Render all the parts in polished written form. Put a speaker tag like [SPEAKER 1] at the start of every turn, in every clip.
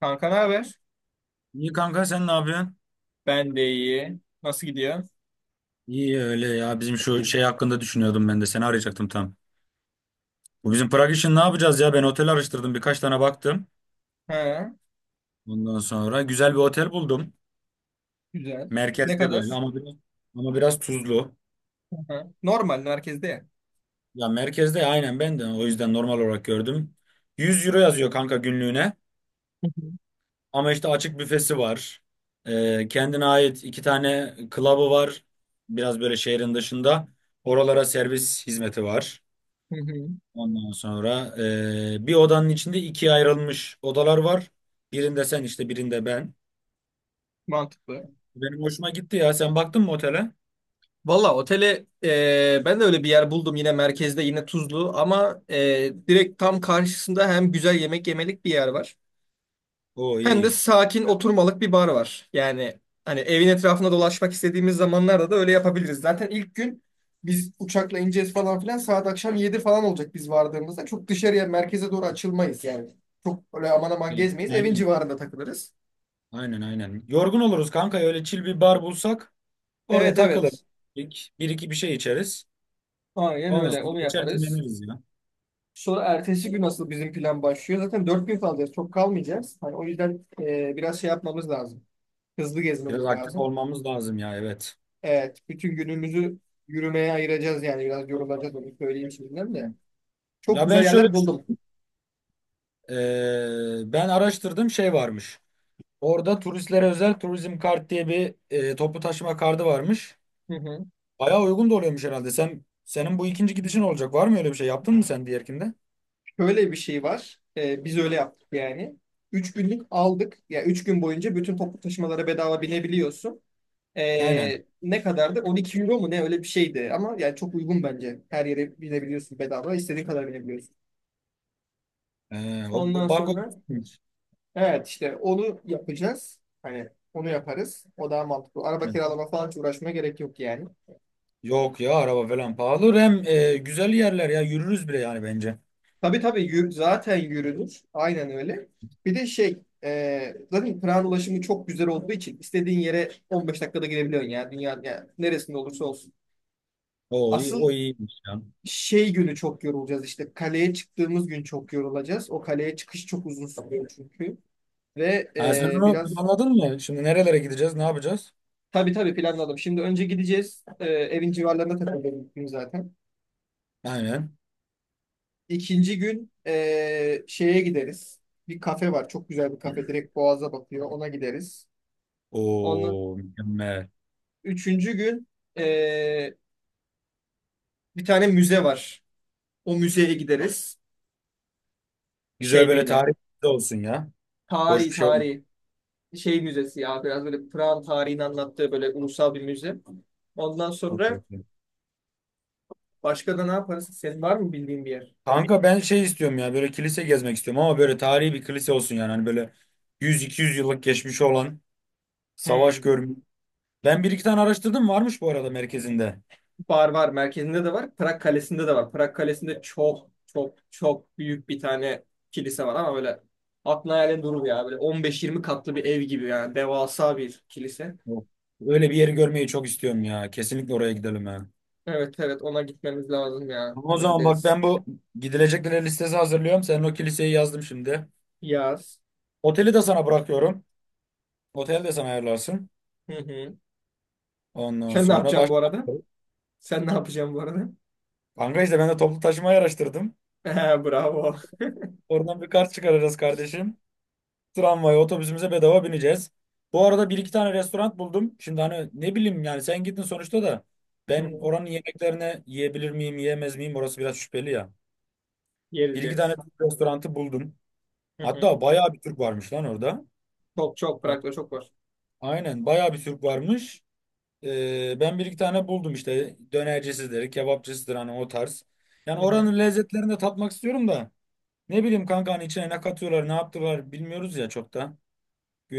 [SPEAKER 1] Kanka ne haber?
[SPEAKER 2] İyi kanka sen ne yapıyorsun?
[SPEAKER 1] Ben de iyi. Nasıl gidiyor?
[SPEAKER 2] İyi öyle ya bizim şu şey hakkında düşünüyordum ben de seni arayacaktım tam. Bu bizim Prag için ne yapacağız ya ben otel araştırdım birkaç tane baktım.
[SPEAKER 1] Ha,
[SPEAKER 2] Ondan sonra güzel bir otel buldum.
[SPEAKER 1] güzel. Ne
[SPEAKER 2] Merkezde
[SPEAKER 1] kadar?
[SPEAKER 2] böyle ama biraz, ama biraz tuzlu.
[SPEAKER 1] Ha, normal merkezde ya.
[SPEAKER 2] Ya merkezde aynen ben de o yüzden normal olarak gördüm. 100 euro yazıyor kanka günlüğüne
[SPEAKER 1] Hı hı.
[SPEAKER 2] ama işte açık büfesi var. Kendine ait iki tane club'ı var, biraz böyle şehrin dışında. Oralara servis hizmeti var.
[SPEAKER 1] Hı hı.
[SPEAKER 2] Ondan sonra bir odanın içinde ikiye ayrılmış odalar var. Birinde sen işte, birinde ben.
[SPEAKER 1] Mantıklı.
[SPEAKER 2] Benim hoşuma gitti ya. Sen baktın mı otele?
[SPEAKER 1] Valla otele ben de öyle bir yer buldum yine merkezde yine Tuzlu ama direkt tam karşısında hem güzel yemek yemelik bir yer var.
[SPEAKER 2] O
[SPEAKER 1] Hem de
[SPEAKER 2] iyi.
[SPEAKER 1] sakin oturmalık bir bar var. Yani hani evin etrafında dolaşmak istediğimiz zamanlarda da öyle yapabiliriz. Zaten ilk gün biz uçakla ineceğiz falan filan saat akşam 7 falan olacak biz vardığımızda. Çok dışarıya merkeze doğru açılmayız yani. Çok öyle aman aman
[SPEAKER 2] Ya,
[SPEAKER 1] gezmeyiz. Evin
[SPEAKER 2] aynen.
[SPEAKER 1] civarında takılırız.
[SPEAKER 2] Aynen, aynen. Yorgun oluruz kanka. Öyle chill bir bar bulsak orada
[SPEAKER 1] Evet
[SPEAKER 2] takılır.
[SPEAKER 1] evet.
[SPEAKER 2] Bir iki bir şey içeriz.
[SPEAKER 1] Aynen
[SPEAKER 2] Ondan
[SPEAKER 1] öyle.
[SPEAKER 2] sonra
[SPEAKER 1] Onu
[SPEAKER 2] geçer,
[SPEAKER 1] yaparız.
[SPEAKER 2] dinleniriz ya.
[SPEAKER 1] Sonra ertesi gün nasıl bizim plan başlıyor. Zaten 4 gün kalacağız. Çok kalmayacağız. Hani o yüzden biraz şey yapmamız lazım. Hızlı
[SPEAKER 2] Biraz
[SPEAKER 1] gezmemiz
[SPEAKER 2] aktif
[SPEAKER 1] lazım.
[SPEAKER 2] olmamız lazım ya, evet.
[SPEAKER 1] Evet, bütün günümüzü yürümeye ayıracağız yani biraz yorulacağız onu söyleyeyim şimdiden de. Çok
[SPEAKER 2] Ya ben
[SPEAKER 1] güzel
[SPEAKER 2] şöyle
[SPEAKER 1] yerler buldum.
[SPEAKER 2] düşün- e, ben araştırdım, şey varmış. Orada turistlere özel turizm kart diye bir toplu taşıma kartı varmış.
[SPEAKER 1] Hı hı.
[SPEAKER 2] Bayağı uygun da oluyormuş herhalde. Sen senin bu ikinci gidişin olacak. Var mı öyle bir şey? Yaptın mı sen diğerkinde?
[SPEAKER 1] Şöyle bir şey var. Biz öyle yaptık yani. 3 günlük aldık. Ya yani 3 gün boyunca bütün toplu taşımalara bedava binebiliyorsun.
[SPEAKER 2] Aynen.
[SPEAKER 1] Ne kadardı? 12 euro mu ne öyle bir şeydi. Ama yani çok uygun bence. Her yere binebiliyorsun bedava. İstediğin kadar binebiliyorsun.
[SPEAKER 2] O
[SPEAKER 1] Ondan
[SPEAKER 2] o- bak o
[SPEAKER 1] sonra evet işte onu yapacağız. Hani onu yaparız. O daha mantıklı. Araba kiralama falan hiç uğraşmaya gerek yok yani.
[SPEAKER 2] Yok ya, araba falan pahalı. Hem güzel yerler ya, yürürüz bile yani bence.
[SPEAKER 1] Tabii tabii zaten yürünür. Aynen öyle. Bir de şey zaten tren ulaşımı çok güzel olduğu için istediğin yere 15 dakikada gidebiliyorsun ya. Dünyanın yani neresinde olursa olsun.
[SPEAKER 2] O iyi, o
[SPEAKER 1] Asıl
[SPEAKER 2] iyiymiş ya.
[SPEAKER 1] şey günü çok yorulacağız işte. Kaleye çıktığımız gün çok yorulacağız. O kaleye çıkış çok uzun sürüyor çünkü. Ve
[SPEAKER 2] Ha, sen onu
[SPEAKER 1] biraz
[SPEAKER 2] anladın mı? Şimdi nerelere gideceğiz? Ne yapacağız?
[SPEAKER 1] tabii tabii planladım. Şimdi önce gideceğiz. Evin civarlarında takılacağız ilk gün zaten.
[SPEAKER 2] Aynen.
[SPEAKER 1] İkinci gün şeye gideriz. Bir kafe var. Çok güzel bir kafe. Direkt Boğaz'a bakıyor. Ona gideriz. Onun
[SPEAKER 2] O mükemmel.
[SPEAKER 1] üçüncü gün eee, bir tane müze var. O müzeye gideriz.
[SPEAKER 2] Güzel,
[SPEAKER 1] Şeyde
[SPEAKER 2] böyle
[SPEAKER 1] yine.
[SPEAKER 2] tarih olsun ya. Boş
[SPEAKER 1] Tarihi
[SPEAKER 2] bir şey
[SPEAKER 1] tarihi. Şey müzesi ya biraz böyle Pırak'ın tarihini anlattığı böyle ulusal bir müze. Ondan sonra
[SPEAKER 2] olmasın.
[SPEAKER 1] başka da ne yaparız? Senin var mı bildiğin bir yer?
[SPEAKER 2] Kanka ben şey istiyorum ya, böyle kilise gezmek istiyorum, ama böyle tarihi bir kilise olsun, yani hani böyle 100-200 yıllık geçmişi olan, savaş
[SPEAKER 1] Hmm.
[SPEAKER 2] görmüş. Ben bir iki tane araştırdım, varmış bu arada merkezinde.
[SPEAKER 1] Bar var. Merkezinde de var. Prag Kalesi'nde de var. Prag Kalesi'nde çok çok çok büyük bir tane kilise var ama böyle aklına hayalin durur ya. Böyle 15-20 katlı bir ev gibi yani. Devasa bir kilise.
[SPEAKER 2] Yok. Öyle bir yeri görmeyi çok istiyorum ya, kesinlikle oraya gidelim ya.
[SPEAKER 1] Evet evet ona gitmemiz lazım ya.
[SPEAKER 2] Ama o
[SPEAKER 1] Ona
[SPEAKER 2] zaman bak,
[SPEAKER 1] gideriz.
[SPEAKER 2] ben bu gidilecekler listesi hazırlıyorum, senin o kiliseyi yazdım şimdi.
[SPEAKER 1] Yaz.
[SPEAKER 2] Oteli de sana bırakıyorum. Otel de sen ayarlarsın.
[SPEAKER 1] Hı hı.
[SPEAKER 2] Ondan
[SPEAKER 1] Sen ne
[SPEAKER 2] sonra
[SPEAKER 1] yapacaksın bu
[SPEAKER 2] başka.
[SPEAKER 1] arada? Sen ne yapacaksın bu arada?
[SPEAKER 2] Kanka işte ben de toplu taşımayı araştırdım.
[SPEAKER 1] He, bravo.
[SPEAKER 2] Oradan bir kart çıkaracağız kardeşim. Tramvaya, otobüsümüze bedava bineceğiz. Bu arada bir iki tane restoran buldum. Şimdi hani ne bileyim yani, sen gittin sonuçta da,
[SPEAKER 1] Hı
[SPEAKER 2] ben
[SPEAKER 1] hı.
[SPEAKER 2] oranın yemeklerini yiyebilir miyim, yiyemez miyim, orası biraz şüpheli ya.
[SPEAKER 1] Yeriz
[SPEAKER 2] Bir iki tane
[SPEAKER 1] yeriz.
[SPEAKER 2] Türk restoranı buldum.
[SPEAKER 1] Hı hı.
[SPEAKER 2] Hatta bayağı bir Türk varmış lan orada.
[SPEAKER 1] Çok çok
[SPEAKER 2] O-
[SPEAKER 1] bırak çok var.
[SPEAKER 2] Aynen, bayağı bir Türk varmış. Ben bir iki tane buldum işte, dönercisidir, kebapçısıdır, hani o tarz. Yani
[SPEAKER 1] Hı hı.
[SPEAKER 2] oranın lezzetlerini de tatmak istiyorum da, ne bileyim kanka, hani içine ne katıyorlar, ne yaptılar bilmiyoruz ya çok da.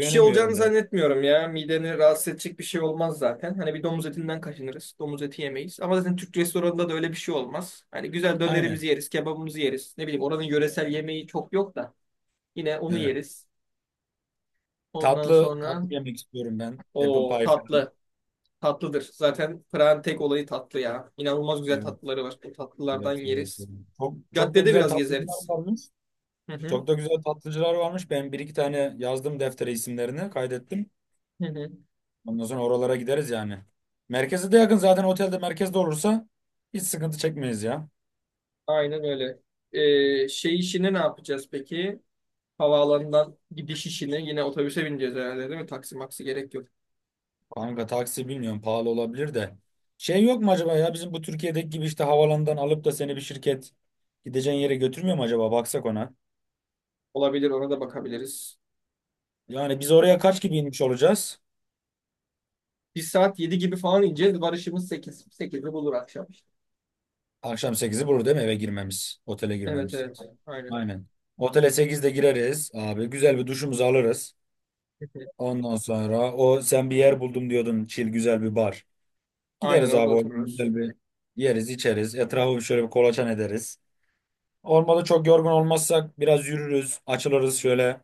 [SPEAKER 1] Bir şey olacağını
[SPEAKER 2] da, yani.
[SPEAKER 1] zannetmiyorum ya. Mideni rahatsız edecek bir şey olmaz zaten. Hani bir domuz etinden kaçınırız. Domuz eti yemeyiz. Ama zaten Türk restoranında da öyle bir şey olmaz. Hani güzel
[SPEAKER 2] Aynen.
[SPEAKER 1] dönerimizi yeriz, kebabımızı yeriz. Ne bileyim oranın yöresel yemeği çok yok da. Yine onu
[SPEAKER 2] Evet.
[SPEAKER 1] yeriz. Ondan
[SPEAKER 2] Tatlı
[SPEAKER 1] sonra
[SPEAKER 2] tatlı yemek istiyorum ben. Apple
[SPEAKER 1] o
[SPEAKER 2] pie falan.
[SPEAKER 1] tatlı. Tatlıdır. Zaten Prag'ın tek olayı tatlı ya. İnanılmaz güzel
[SPEAKER 2] Evet,
[SPEAKER 1] tatlıları var. Bu tatlılardan
[SPEAKER 2] evet, evet,
[SPEAKER 1] yeriz.
[SPEAKER 2] evet. Çok, çok da
[SPEAKER 1] Caddede
[SPEAKER 2] güzel
[SPEAKER 1] biraz
[SPEAKER 2] tatlıcılar
[SPEAKER 1] gezeriz.
[SPEAKER 2] varmış.
[SPEAKER 1] Hı hı.
[SPEAKER 2] Çok da güzel tatlıcılar varmış. Ben bir iki tane yazdım deftere, isimlerini kaydettim.
[SPEAKER 1] Hı hı.
[SPEAKER 2] Ondan sonra oralara gideriz yani. Merkeze de yakın zaten, otelde merkezde olursa hiç sıkıntı çekmeyiz ya.
[SPEAKER 1] Aynen öyle. Şey işini ne yapacağız peki? Havaalanından gidiş işini yine otobüse bineceğiz herhalde değil mi? Taksi maksi gerek yok.
[SPEAKER 2] Kanka taksi bilmiyorum, pahalı olabilir de. Şey yok mu acaba ya, bizim bu Türkiye'deki gibi işte havalandan alıp da seni bir şirket gideceğin yere götürmüyor mu acaba, baksak ona.
[SPEAKER 1] Olabilir ona da bakabiliriz.
[SPEAKER 2] Yani biz oraya kaç gibi inmiş olacağız?
[SPEAKER 1] Bir saat 7 gibi falan ineceğiz. Varışımız 8 bulur akşam.
[SPEAKER 2] Akşam 8'i bulur değil mi eve girmemiz? Otele
[SPEAKER 1] Evet
[SPEAKER 2] girmemiz.
[SPEAKER 1] evet. Aynen.
[SPEAKER 2] Aynen. Otele 8'de gireriz abi. Güzel bir duşumuzu alırız. Ondan sonra o, sen bir yer buldum diyordun. Chill güzel bir bar.
[SPEAKER 1] Aynen
[SPEAKER 2] Gideriz
[SPEAKER 1] orada
[SPEAKER 2] abi, orada
[SPEAKER 1] otururuz.
[SPEAKER 2] güzel bir yeriz içeriz. Etrafı şöyle bir kolaçan ederiz. Olmadı, çok yorgun olmazsak biraz yürürüz. Açılırız şöyle,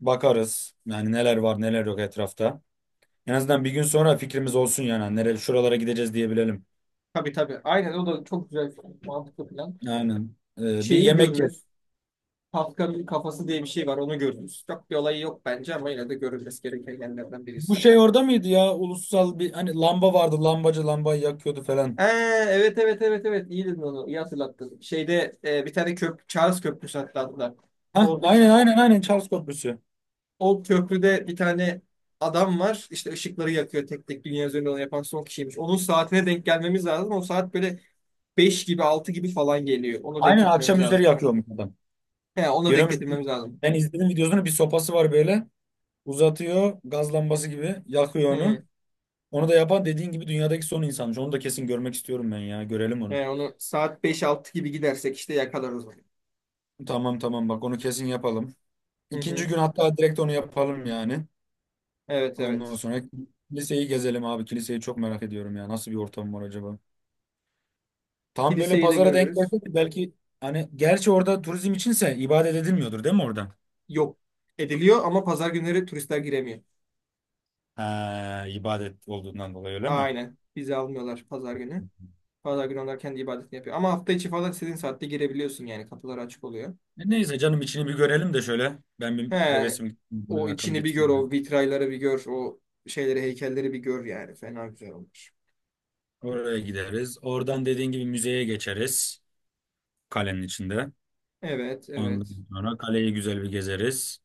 [SPEAKER 2] bakarız. Yani neler var neler yok etrafta. En azından bir gün sonra fikrimiz olsun yani. Nereye, şuralara gideceğiz diyebilelim.
[SPEAKER 1] Tabii tabii. Aynen o da çok güzel mantıklı plan.
[SPEAKER 2] Aynen. Bir
[SPEAKER 1] Şeyi
[SPEAKER 2] yemek
[SPEAKER 1] görürüz. Kafka'nın kafası diye bir şey var onu gördünüz. Çok bir olayı yok bence ama yine de görülmesi gereken yerlerden
[SPEAKER 2] Bu
[SPEAKER 1] birisi yani.
[SPEAKER 2] şey orada mıydı ya? Ulusal bir hani lamba vardı. Lambacı lambayı yakıyordu
[SPEAKER 1] Ee,
[SPEAKER 2] falan.
[SPEAKER 1] evet evet evet evet iyi dedin onu iyi hatırlattın. Şeyde bir tane köprü Charles Köprüsü hatta
[SPEAKER 2] Hah,
[SPEAKER 1] orada
[SPEAKER 2] aynen aynen aynen, Charles Köprüsü.
[SPEAKER 1] o köprüde bir tane adam var işte ışıkları yakıyor tek tek dünya üzerinde onu yapan son kişiymiş. Onun saatine denk gelmemiz lazım. O saat böyle 5 gibi 6 gibi falan geliyor. Onu denk
[SPEAKER 2] Aynen,
[SPEAKER 1] getirmemiz
[SPEAKER 2] akşam üzeri
[SPEAKER 1] lazım.
[SPEAKER 2] yakıyormuş adam.
[SPEAKER 1] He, onu denk
[SPEAKER 2] Görüyormuş.
[SPEAKER 1] getirmemiz lazım.
[SPEAKER 2] Ben izledim videosunu. Bir sopası var böyle. Uzatıyor. Gaz lambası gibi. Yakıyor onu.
[SPEAKER 1] Hı.
[SPEAKER 2] Onu da yapan, dediğin gibi, dünyadaki son insanmış. Onu da kesin görmek istiyorum ben ya. Görelim onu.
[SPEAKER 1] He, onu saat beş altı gibi gidersek işte yakalarız onu.
[SPEAKER 2] Tamam, tamam, bak onu kesin yapalım.
[SPEAKER 1] Hı
[SPEAKER 2] İkinci
[SPEAKER 1] hı.
[SPEAKER 2] gün hatta direkt onu yapalım yani.
[SPEAKER 1] Evet
[SPEAKER 2] Ondan
[SPEAKER 1] evet.
[SPEAKER 2] sonra kiliseyi gezelim abi. Kiliseyi çok merak ediyorum ya. Nasıl bir ortam var acaba? Tam böyle
[SPEAKER 1] Kiliseyi de
[SPEAKER 2] pazara denk geldi
[SPEAKER 1] görürüz.
[SPEAKER 2] ki belki, hani gerçi orada turizm içinse ibadet edilmiyordur değil mi orada?
[SPEAKER 1] Yok ediliyor ama pazar günleri turistler giremiyor.
[SPEAKER 2] Ha, ibadet olduğundan dolayı öyle mi?
[SPEAKER 1] Aynen. Vize almıyorlar pazar günü. Pazar günü onlar kendi ibadetini yapıyor. Ama hafta içi falan istediğin saatte girebiliyorsun yani. Kapılar açık oluyor.
[SPEAKER 2] Neyse canım, içini bir görelim de şöyle. Ben bir
[SPEAKER 1] He,
[SPEAKER 2] hevesim gitsin,
[SPEAKER 1] o
[SPEAKER 2] merakım
[SPEAKER 1] içini bir gör,
[SPEAKER 2] gitsin, yani.
[SPEAKER 1] o vitrayları bir gör, o şeyleri, heykelleri bir gör yani. Fena güzel olmuş.
[SPEAKER 2] Oraya gideriz. Oradan dediğin gibi müzeye geçeriz. Kalenin içinde.
[SPEAKER 1] Evet, evet.
[SPEAKER 2] Ondan sonra kaleyi güzel bir gezeriz.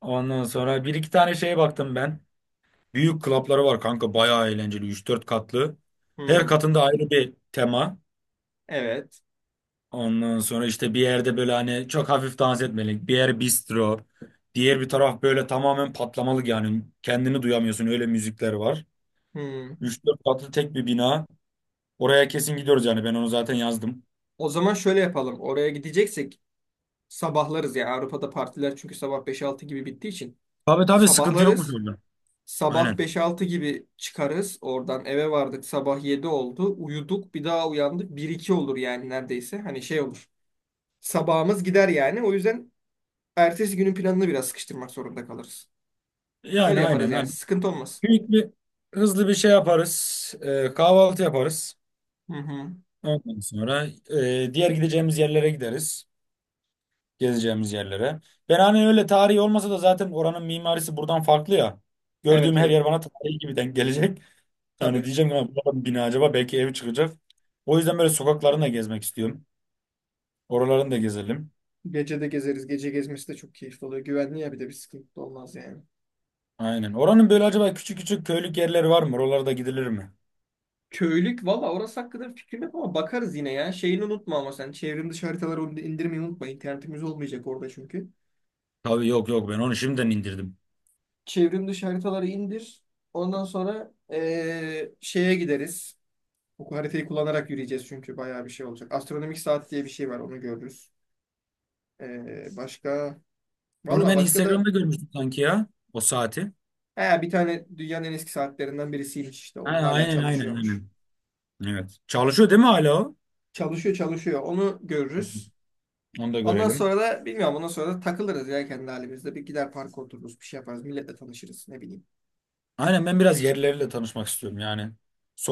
[SPEAKER 2] Ondan sonra bir iki tane şeye baktım ben. Büyük klapları var kanka, bayağı eğlenceli. Üç dört katlı. Her
[SPEAKER 1] Hmm,
[SPEAKER 2] katında ayrı bir tema.
[SPEAKER 1] evet.
[SPEAKER 2] Ondan sonra işte bir yerde böyle hani çok hafif dans etmelik. Bir yer bistro. Diğer bir taraf böyle tamamen patlamalık yani. Kendini duyamıyorsun, öyle müzikler var.
[SPEAKER 1] Hmm.
[SPEAKER 2] Üç dört katlı tek bir bina. Oraya kesin gidiyoruz yani, ben onu zaten yazdım.
[SPEAKER 1] O zaman şöyle yapalım. Oraya gideceksek sabahlarız ya. Avrupa'da partiler çünkü sabah beş altı gibi bittiği için.
[SPEAKER 2] Tabii tabii, sıkıntı yokmuş
[SPEAKER 1] Sabahlarız.
[SPEAKER 2] orada.
[SPEAKER 1] Sabah
[SPEAKER 2] Aynen.
[SPEAKER 1] beş altı gibi çıkarız. Oradan eve vardık. Sabah 7 oldu. Uyuduk. Bir daha uyandık. Bir iki olur yani neredeyse. Hani şey olur. Sabahımız gider yani. O yüzden ertesi günün planını biraz sıkıştırmak zorunda kalırız. Öyle
[SPEAKER 2] Yani
[SPEAKER 1] yaparız
[SPEAKER 2] aynen.
[SPEAKER 1] yani.
[SPEAKER 2] Hani
[SPEAKER 1] Sıkıntı olmaz.
[SPEAKER 2] büyük bir hızlı bir şey yaparız. Kahvaltı yaparız.
[SPEAKER 1] Hı hı.
[SPEAKER 2] Ondan sonra diğer gideceğimiz yerlere gideriz. Gezeceğimiz yerlere. Ben hani öyle tarihi olmasa da zaten oranın mimarisi buradan farklı ya.
[SPEAKER 1] Evet
[SPEAKER 2] Gördüğüm her
[SPEAKER 1] evet.
[SPEAKER 2] yer bana tarihi gibi denk gelecek. Hani
[SPEAKER 1] Tabii.
[SPEAKER 2] diyeceğim ki, "Ulan bu adam bina, acaba belki ev çıkacak." O yüzden böyle sokaklarını da gezmek istiyorum. Oralarını da gezelim.
[SPEAKER 1] Gece de gezeriz. Gece gezmesi de çok keyifli oluyor. Güvenli ya bir de bir sıkıntı da olmaz yani.
[SPEAKER 2] Aynen. Oranın böyle acaba küçük küçük köylük yerleri var mı? Oralara da gidilir mi?
[SPEAKER 1] Köylük valla orası hakkında bir fikrim yok ama bakarız yine ya. Şeyini unutma ama sen çevrim dışı haritaları indirmeyi unutma. İnternetimiz olmayacak orada çünkü.
[SPEAKER 2] Tabii, yok yok, ben onu şimdiden indirdim.
[SPEAKER 1] Çevrim dışı haritaları indir. Ondan sonra şeye gideriz. Bu haritayı kullanarak yürüyeceğiz çünkü bayağı bir şey olacak. Astronomik saat diye bir şey var onu görürüz. Başka?
[SPEAKER 2] Onu
[SPEAKER 1] Valla
[SPEAKER 2] ben
[SPEAKER 1] başka da
[SPEAKER 2] Instagram'da görmüştüm sanki ya. O saati.
[SPEAKER 1] he, bir tane dünyanın en eski saatlerinden birisiymiş işte
[SPEAKER 2] Ha,
[SPEAKER 1] o hala
[SPEAKER 2] aynen aynen
[SPEAKER 1] çalışıyormuş.
[SPEAKER 2] aynen. Evet. Çalışıyor değil mi hala o?
[SPEAKER 1] Çalışıyor çalışıyor onu görürüz.
[SPEAKER 2] Onu da
[SPEAKER 1] Ondan
[SPEAKER 2] görelim.
[SPEAKER 1] sonra da bilmiyorum ondan sonra da takılırız ya kendi halimizde. Bir gider parka otururuz bir şey yaparız milletle tanışırız ne bileyim.
[SPEAKER 2] Aynen, ben biraz yerlilerle tanışmak istiyorum yani.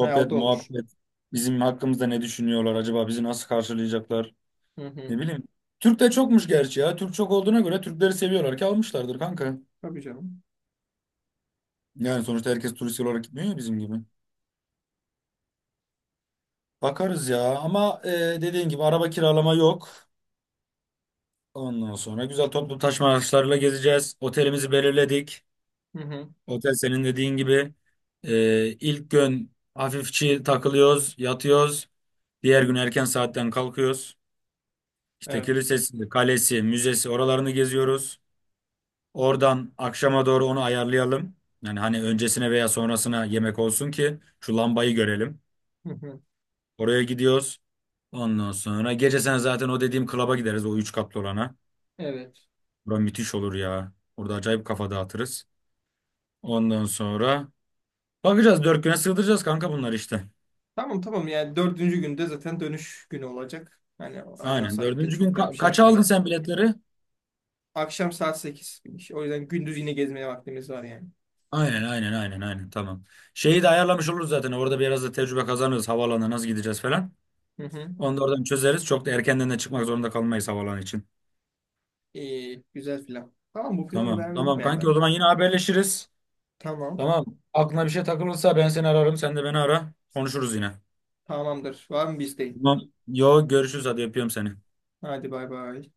[SPEAKER 1] He, o da olur.
[SPEAKER 2] muhabbet, bizim hakkımızda ne düşünüyorlar acaba, bizi nasıl karşılayacaklar,
[SPEAKER 1] Hı
[SPEAKER 2] ne
[SPEAKER 1] hı.
[SPEAKER 2] bileyim. Türk de çokmuş gerçi ya. Türk çok olduğuna göre Türkleri seviyorlar ki almışlardır kanka.
[SPEAKER 1] Tabii canım.
[SPEAKER 2] Yani sonuçta herkes turist olarak gitmiyor ya, bizim gibi. Bakarız ya, ama dediğin gibi araba kiralama yok. Ondan sonra güzel toplu taşıma araçlarıyla gezeceğiz. Otelimizi belirledik.
[SPEAKER 1] Hı hı.
[SPEAKER 2] Otel senin dediğin gibi. E, ilk gün hafifçi takılıyoruz, yatıyoruz. Diğer gün erken saatten kalkıyoruz. İşte
[SPEAKER 1] Evet.
[SPEAKER 2] kilisesi, kalesi, müzesi, oralarını geziyoruz. Oradan akşama doğru onu ayarlayalım. Yani hani öncesine veya sonrasına yemek olsun ki şu lambayı görelim.
[SPEAKER 1] Hı hı.
[SPEAKER 2] Oraya gidiyoruz. Ondan sonra gece, sen zaten o dediğim klaba gideriz, o üç katlı olana.
[SPEAKER 1] Evet.
[SPEAKER 2] Bura müthiş olur ya. Orada acayip kafa dağıtırız. Ondan sonra bakacağız, 4 güne sığdıracağız kanka bunlar işte.
[SPEAKER 1] Tamam tamam yani dördüncü günde zaten dönüş günü olacak. Hani ondan
[SPEAKER 2] Aynen,
[SPEAKER 1] sonraki gün
[SPEAKER 2] dördüncü gün
[SPEAKER 1] çok da bir şey
[SPEAKER 2] kaça aldın
[SPEAKER 1] yapmayız.
[SPEAKER 2] sen biletleri?
[SPEAKER 1] Akşam saat 8. O yüzden gündüz yine gezmeye vaktimiz var yani.
[SPEAKER 2] Aynen, aynen, aynen, aynen, tamam. Şeyi de ayarlamış oluruz zaten, orada biraz da tecrübe kazanırız havaalanına nasıl gideceğiz falan.
[SPEAKER 1] Hı hı.
[SPEAKER 2] Onu da oradan çözeriz. Çok da erkenden de çıkmak zorunda kalmayız havalan için.
[SPEAKER 1] İyi, güzel plan. Tamam bu planı
[SPEAKER 2] Tamam.
[SPEAKER 1] beğendim
[SPEAKER 2] Tamam
[SPEAKER 1] ya
[SPEAKER 2] kanki, o
[SPEAKER 1] ben.
[SPEAKER 2] zaman yine haberleşiriz.
[SPEAKER 1] Tamam.
[SPEAKER 2] Tamam. Aklına bir şey takılırsa ben seni ararım. Sen de beni ara. Konuşuruz yine.
[SPEAKER 1] Tamamdır. Var mı bizdeyim?
[SPEAKER 2] Tamam. Yo, görüşürüz. Hadi, yapıyorum seni. Hadi.
[SPEAKER 1] Hadi bay bay.